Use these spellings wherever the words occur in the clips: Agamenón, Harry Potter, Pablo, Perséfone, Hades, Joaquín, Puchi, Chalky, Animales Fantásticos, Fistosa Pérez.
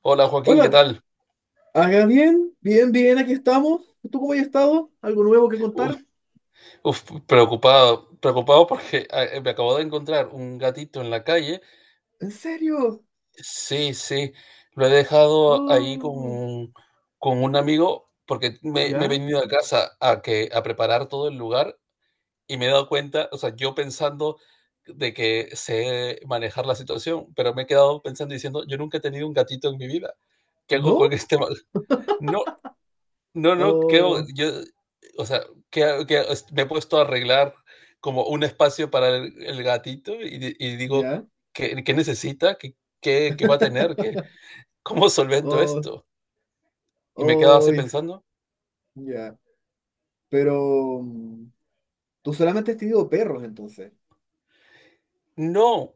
Hola Joaquín, ¿qué Hola, tal? haga bien, bien, bien, aquí estamos. ¿Tú cómo has estado? ¿Algo nuevo que Uf, contar? uf, preocupado, preocupado porque me acabo de encontrar un gatito en la calle. ¿En serio? Sí, sí, lo he dejado ahí Oh, con un amigo porque me he ¿ya? venido a casa a preparar todo el lugar, y me he dado cuenta. O sea, yo pensando de que sé manejar la situación, pero me he quedado pensando y diciendo: yo nunca he tenido un gatito en mi vida. ¿Qué hago ¿No? con este mal? No, no, no, creo, Oh, yo, o sea, que me he puesto a arreglar como un espacio para el gatito, y digo: ¿ya? ¿qué necesita? ¿Qué va a tener? ¿Cómo solvento Oh, esto? Y me quedaba oh, así pensando, ya. Pero tú solamente has tenido perros entonces. no.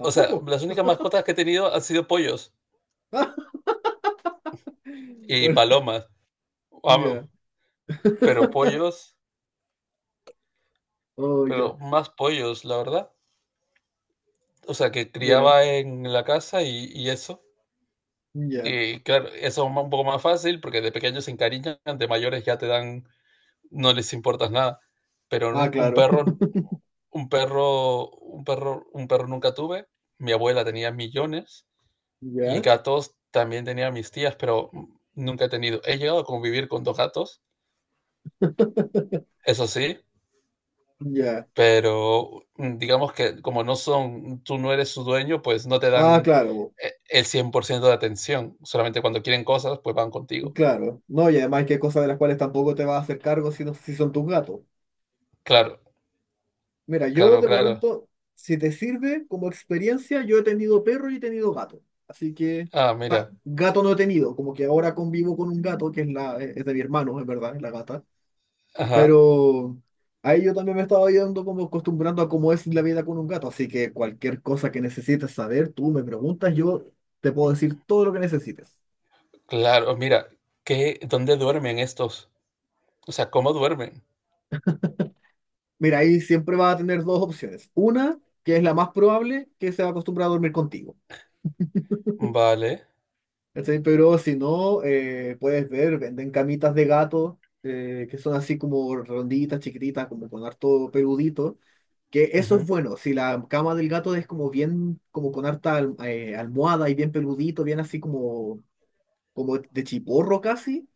O sea, las únicas mascotas que he tenido han sido pollos y Bueno, palomas. Vamos, ya. pero pollos, Oh, ya. pero más pollos, la verdad. O sea, que Mira, criaba en la casa y eso. ya. Y claro, eso es un poco más fácil porque de pequeños se encariñan, de mayores ya te dan, no les importas nada. Pero Ah, un, un claro. perro, un perro, un perro, un perro nunca tuve. Mi abuela tenía millones, y Ya, gatos también tenía mis tías, pero nunca he tenido. He llegado a convivir con dos gatos, eso sí, ya. pero digamos que como no son, tú no eres su dueño, pues no te Ah, dan claro. El 100% de atención. Solamente cuando quieren cosas, pues van contigo. Claro, no, y además que hay cosas de las cuales tampoco te vas a hacer cargo si, no, si son tus gatos. Claro, Mira, yo claro, de claro. momento, si te sirve como experiencia, yo he tenido perro y he tenido gato. Así que Ah, mira. gato no he tenido, como que ahora convivo con un gato que es, es de mi hermano, es verdad, es la gata. Ajá. Pero ahí yo también me estaba yendo como acostumbrando a cómo es la vida con un gato. Así que cualquier cosa que necesites saber, tú me preguntas, yo te puedo decir todo lo que necesites. Claro, mira, ¿dónde duermen estos? O sea, ¿cómo duermen? Mira, ahí siempre va a tener dos opciones. Una, que es la más probable, que se va a acostumbrar a dormir contigo. Vale. ¿Cachai? Pero si no, puedes ver, venden camitas de gato, que son así como ronditas, chiquititas, como con harto peludito. Que eso es Ujú. bueno, si la cama del gato es como bien, como con harta almohada y bien peludito, bien así como, como de chiporro casi,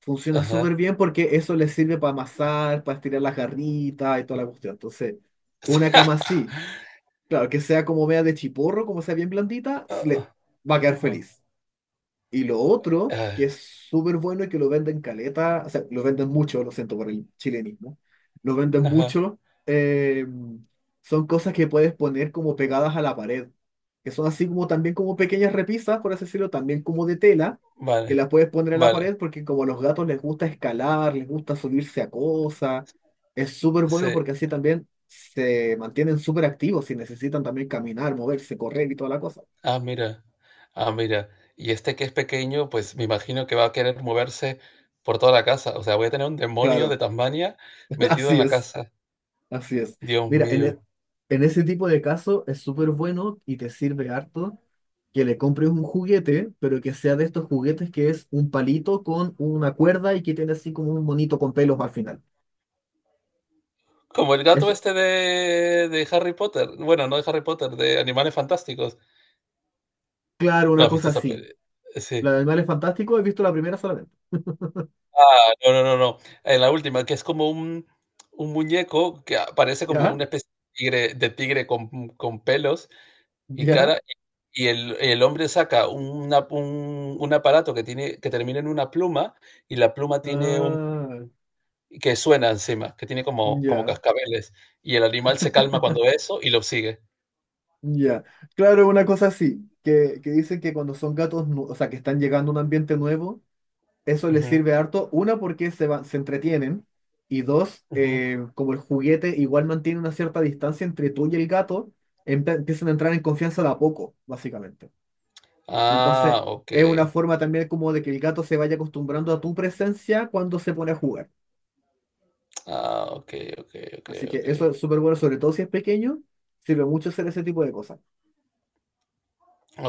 funciona súper Ajá. bien porque eso les sirve para amasar, para estirar las garritas y toda la cuestión. Entonces, una cama así. Claro, que sea como media de chiporro, como sea bien blandita, se le Ah, va a quedar ajá. feliz. Y lo otro, que Ah, es súper bueno y que lo venden caleta, o sea, lo venden mucho, lo siento por el chilenismo, lo venden ajá. mucho, eh, son cosas que puedes poner como pegadas a la pared, que son así como también como pequeñas repisas, por así decirlo, también como de tela, que Vale. las puedes poner a la Vale. pared porque como a los gatos les gusta escalar, les gusta subirse a cosas, es súper bueno Sí. porque así también se mantienen súper activos y necesitan también caminar, moverse, correr y toda la cosa. Ah, mira. Ah, mira. Y este que es pequeño, pues me imagino que va a querer moverse por toda la casa. O sea, voy a tener un demonio de Claro, Tasmania metido en así la es. casa. Así es. Dios Mira, mío. En ese tipo de caso es súper bueno y te sirve harto que le compres un juguete, pero que sea de estos juguetes que es un palito con una cuerda y que tiene así como un monito con pelos al final. Como el Es, gato este de Harry Potter. Bueno, no de Harry Potter, de Animales Fantásticos. claro, una No, cosa Fistosa así. Pérez. Sí. La de Animales Fantásticos he visto la primera solamente. Ah, no, no, no, no. En la última, que es como un muñeco que parece como ¿Ya? una especie de tigre con pelos y ¿Ya? cara. Y el hombre saca un aparato que termina en una pluma, y la pluma tiene un Ah, que suena encima, que tiene como ya, cascabeles. Y el animal se calma cuando ve eso y lo sigue. ya. Claro, una cosa así, que dicen que cuando son gatos, o sea, que están llegando a un ambiente nuevo. Eso les Ujú, sirve harto, una porque se entretienen y dos, ujú. Como el juguete igual mantiene una cierta distancia entre tú y el gato, empiezan a entrar en confianza de a poco, básicamente. Entonces, Ah, ok. es una forma también como de que el gato se vaya acostumbrando a tu presencia cuando se pone a jugar. Ah, ok, ok, ok, Así que ok. eso es súper bueno, sobre todo si es pequeño, sirve mucho hacer ese tipo de cosas.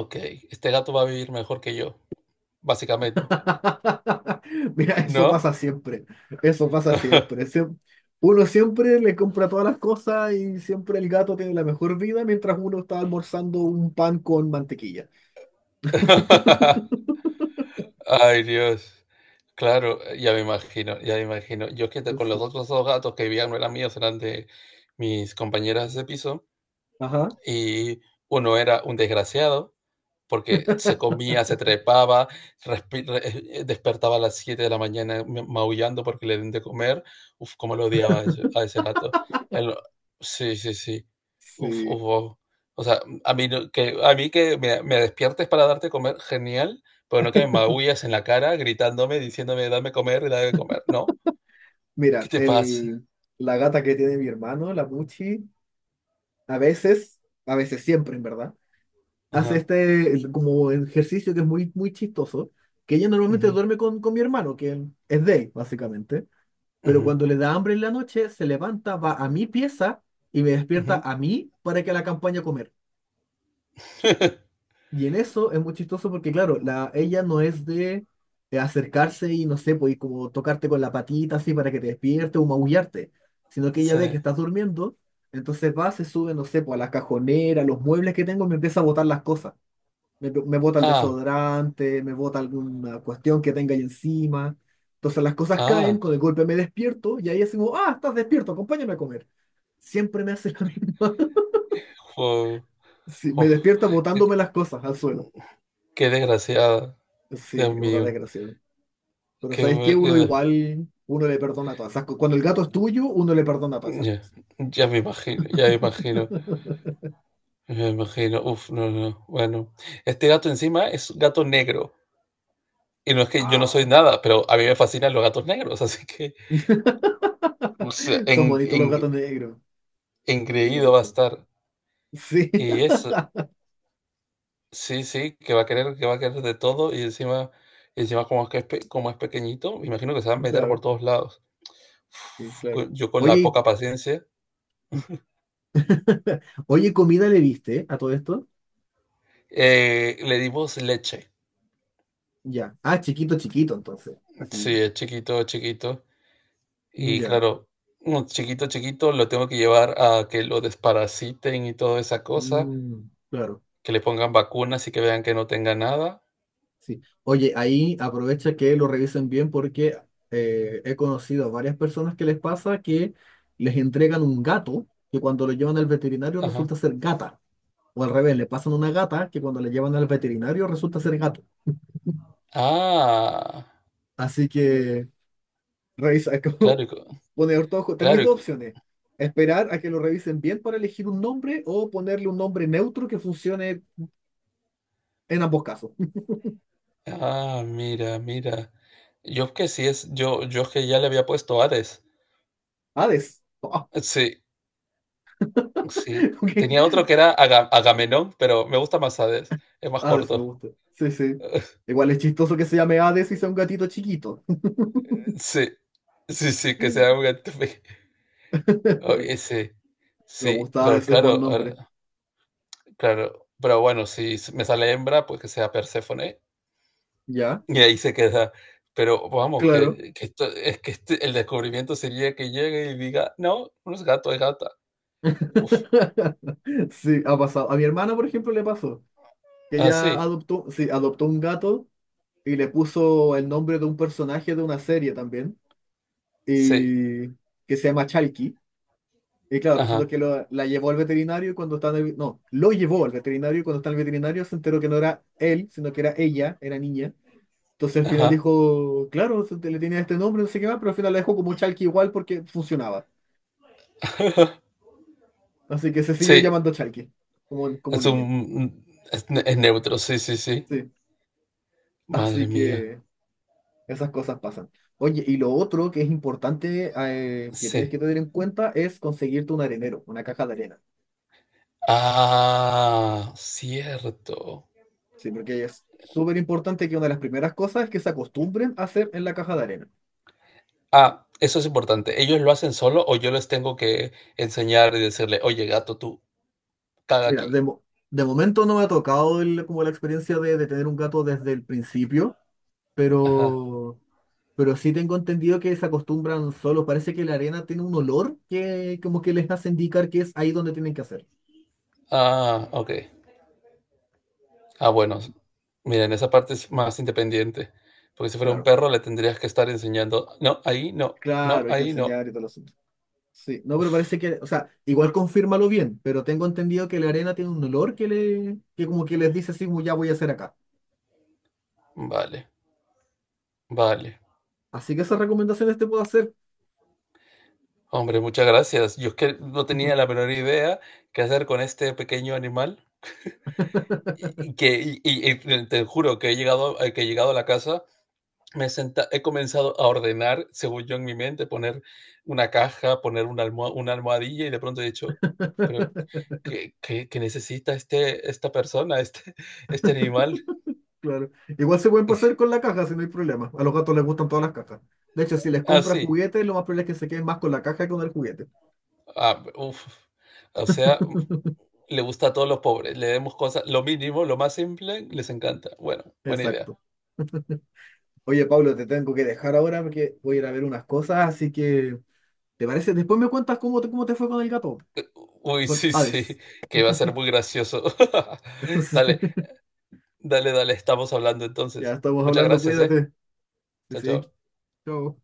Ok, este gato va a vivir mejor que yo, básicamente, Mira, eso ¿no? pasa siempre. Eso pasa siempre. Uno siempre le compra todas las cosas y siempre el gato tiene la mejor vida mientras uno está almorzando un pan con mantequilla. Ay, Dios. Claro, ya me imagino, ya me imagino. Yo es que con Uf. los Sí. otros dos gatos que vivían no eran míos, eran de mis compañeras de piso, Ajá. y uno era un desgraciado, porque se comía, se trepaba, despertaba a las 7 de la mañana maullando porque le den de comer. Uf, cómo lo odiaba a ese, gato. El- sí, sí, sí. Uf, Sí. uf, uf. O sea, a mí no- que, a mí que me despiertes para darte comer, genial, pero no que me maullas en la cara gritándome, diciéndome: dame comer, dame comer. No, ¿qué Mira, te pasa? La gata que tiene mi hermano, la Puchi, a veces siempre, en verdad, hace Ajá. este como ejercicio que es muy, muy chistoso, que ella normalmente Ujú, duerme con mi hermano, que es de él, básicamente. Pero ujú, cuando le da hambre en la noche, se levanta, va a mi pieza y me despierta ujú. a mí para que la acompañe a comer. Y en eso es muy chistoso porque, claro, ella no es de acercarse y no sé, pues y como tocarte con la patita así para que te despierte o maullarte, sino que ella Sí. ve que estás durmiendo, entonces va, se sube, no sé, pues a la cajonera, a los muebles que tengo, y me empieza a botar las cosas. Me bota el Ah, desodorante, me bota alguna cuestión que tenga ahí encima. Entonces las cosas caen, ah. con el golpe me despierto y ahí es como, ah, estás despierto, acompáñame a comer. Siempre me hace la misma. Wow. Sí, me Uf. despierta botándome las cosas al suelo. Qué desgraciada, Sí, Dios es una mío. desgracia. Pero Qué ¿sabes qué? bu- qué Uno de- igual, uno le perdona todas esas cosas. Cuando el gato es tuyo, uno le perdona todas esas Ya, cosas. ya me imagino, ya me imagino, ya me imagino. Uf, no, no. Bueno, este gato encima es un gato negro. Y no es que yo no soy Ah, nada, pero a mí me fascinan los gatos negros, así que, o sea, son bonitos los gatos negros. Me engreído va a gustan. estar. Sí, Y eso, sí, sí, que va a querer, que va a querer de todo. Y encima, como es pequeñito, me imagino que se va a meter claro, por todos lados. sí, Uf, claro. Yo con la Oye, poca paciencia, Oye, comida le diste a todo esto. Le dimos leche. Ya. Ah, chiquito, chiquito, entonces. Sí, Así. es chiquito, es chiquito. Y Ya. claro, un chiquito, chiquito, lo tengo que llevar a que lo desparasiten y toda esa cosa, Mm, claro. que le pongan vacunas y que vean que no tenga nada. Sí. Oye, ahí aprovecha que lo revisen bien porque he conocido a varias personas que les pasa que les entregan un gato que cuando lo llevan al veterinario Ajá. resulta ser gata. O al revés, le pasan una gata que cuando la llevan al veterinario resulta ser gato. Ah, Así que revisa, como claro, poner todo, tenéis claro. Dos opciones. Esperar a que lo revisen bien para elegir un nombre o ponerle un nombre neutro que funcione en ambos casos. Ah, mira, mira. Yo que sí es, yo que ya le había puesto Hades. Hades. Ah, Sí, sí. ok. Tenía otro que era Agamenón, pero me gusta más Hades. Es más Hades me corto. gusta. Sí, sí. Igual es chistoso que se llame Hades y sea un gatito chiquito. Sí, sí, sí, que sea un... Oye, sí, Me sí, gusta pero Hades, es buen claro, nombre. Claro, pero bueno, si s- me sale hembra, pues que sea Perséfone Ya, y ahí se queda. Pero vamos, claro. que esto, es que el descubrimiento sería que llegue y diga: no, no es gato, es gata. Uf, Sí, ha pasado. A mi hermana, por ejemplo, le pasó que ella así, adoptó, sí, adoptó un gato y le puso el nombre de un personaje de una serie también, sí, sí, y que se llama Chalky. Y claro, resulta ajá, que la llevó al veterinario y cuando estaba en el, no, lo llevó al veterinario y cuando está en el veterinario se enteró que no era él, sino que era ella, era niña. Entonces al final ajá. dijo, claro, le tenía este nombre, no sé qué más, pero al final la dejó como Chalky igual porque funcionaba. Así que se siguió Sí, llamando Chalky, como es niña. un es, ne- es neutro, sí, sí, sí. Sí, Madre así mía, que esas cosas pasan. Oye, y lo otro que es importante que sí. tienes que tener en cuenta es conseguirte un arenero, una caja de arena. Ah, cierto. Sí, porque es súper importante que una de las primeras cosas es que se acostumbren a hacer en la caja de arena. Ah, eso es importante. ¿Ellos lo hacen solo, o yo les tengo que enseñar y decirle: oye, gato, tú caga Mira, aquí? De momento no me ha tocado como la experiencia de tener un gato desde el principio, Ajá. pero, pero sí tengo entendido que se acostumbran solos. Parece que la arena tiene un olor que como que les hace indicar que es ahí donde tienen que hacer. Ah, ok. Ah, bueno. Miren, esa parte es más independiente. Porque si fuera un Claro, perro, le tendrías que estar enseñando: no, ahí no, no, claro, hay que ahí no. enseñar y todo el asunto. Sí, no, pero parece Uf, que, o sea, igual confírmalo bien, pero tengo entendido que la arena tiene un olor que como que les dice así, "Ya voy a hacer acá. vale, vale. Así que esas recomendaciones te puedo hacer. Hombre, muchas gracias. Yo es que no tenía la menor idea qué hacer con este pequeño animal. Y te juro que he llegado a la casa. Me he, senta he comenzado a ordenar, según yo en mi mente, poner una caja, poner una almohadilla, y de pronto he dicho: "Pero, ¿qué necesita esta persona, este este animal?". Claro. Igual se pueden pasar con la caja si no hay problema. A los gatos les gustan todas las cajas. De hecho, si les Ah, compras sí. juguetes, lo más probable es que se queden más con la caja que con el juguete. Ah, uf. O sea, le gusta a todos los pobres, le demos cosas lo mínimo, lo más simple, les encanta. Bueno, buena idea. Exacto. Oye, Pablo, te tengo que dejar ahora porque voy a ir a ver unas cosas, así que, ¿te parece? Después me cuentas cómo te fue con el gato, Uy, con sí, sí, Hades. que va a ser muy gracioso. Dale, dale, dale, estamos hablando Sí. Ya entonces. estamos Muchas hablando, gracias, ¿eh? cuídate. Sí, Chao, sí. chao. Chao.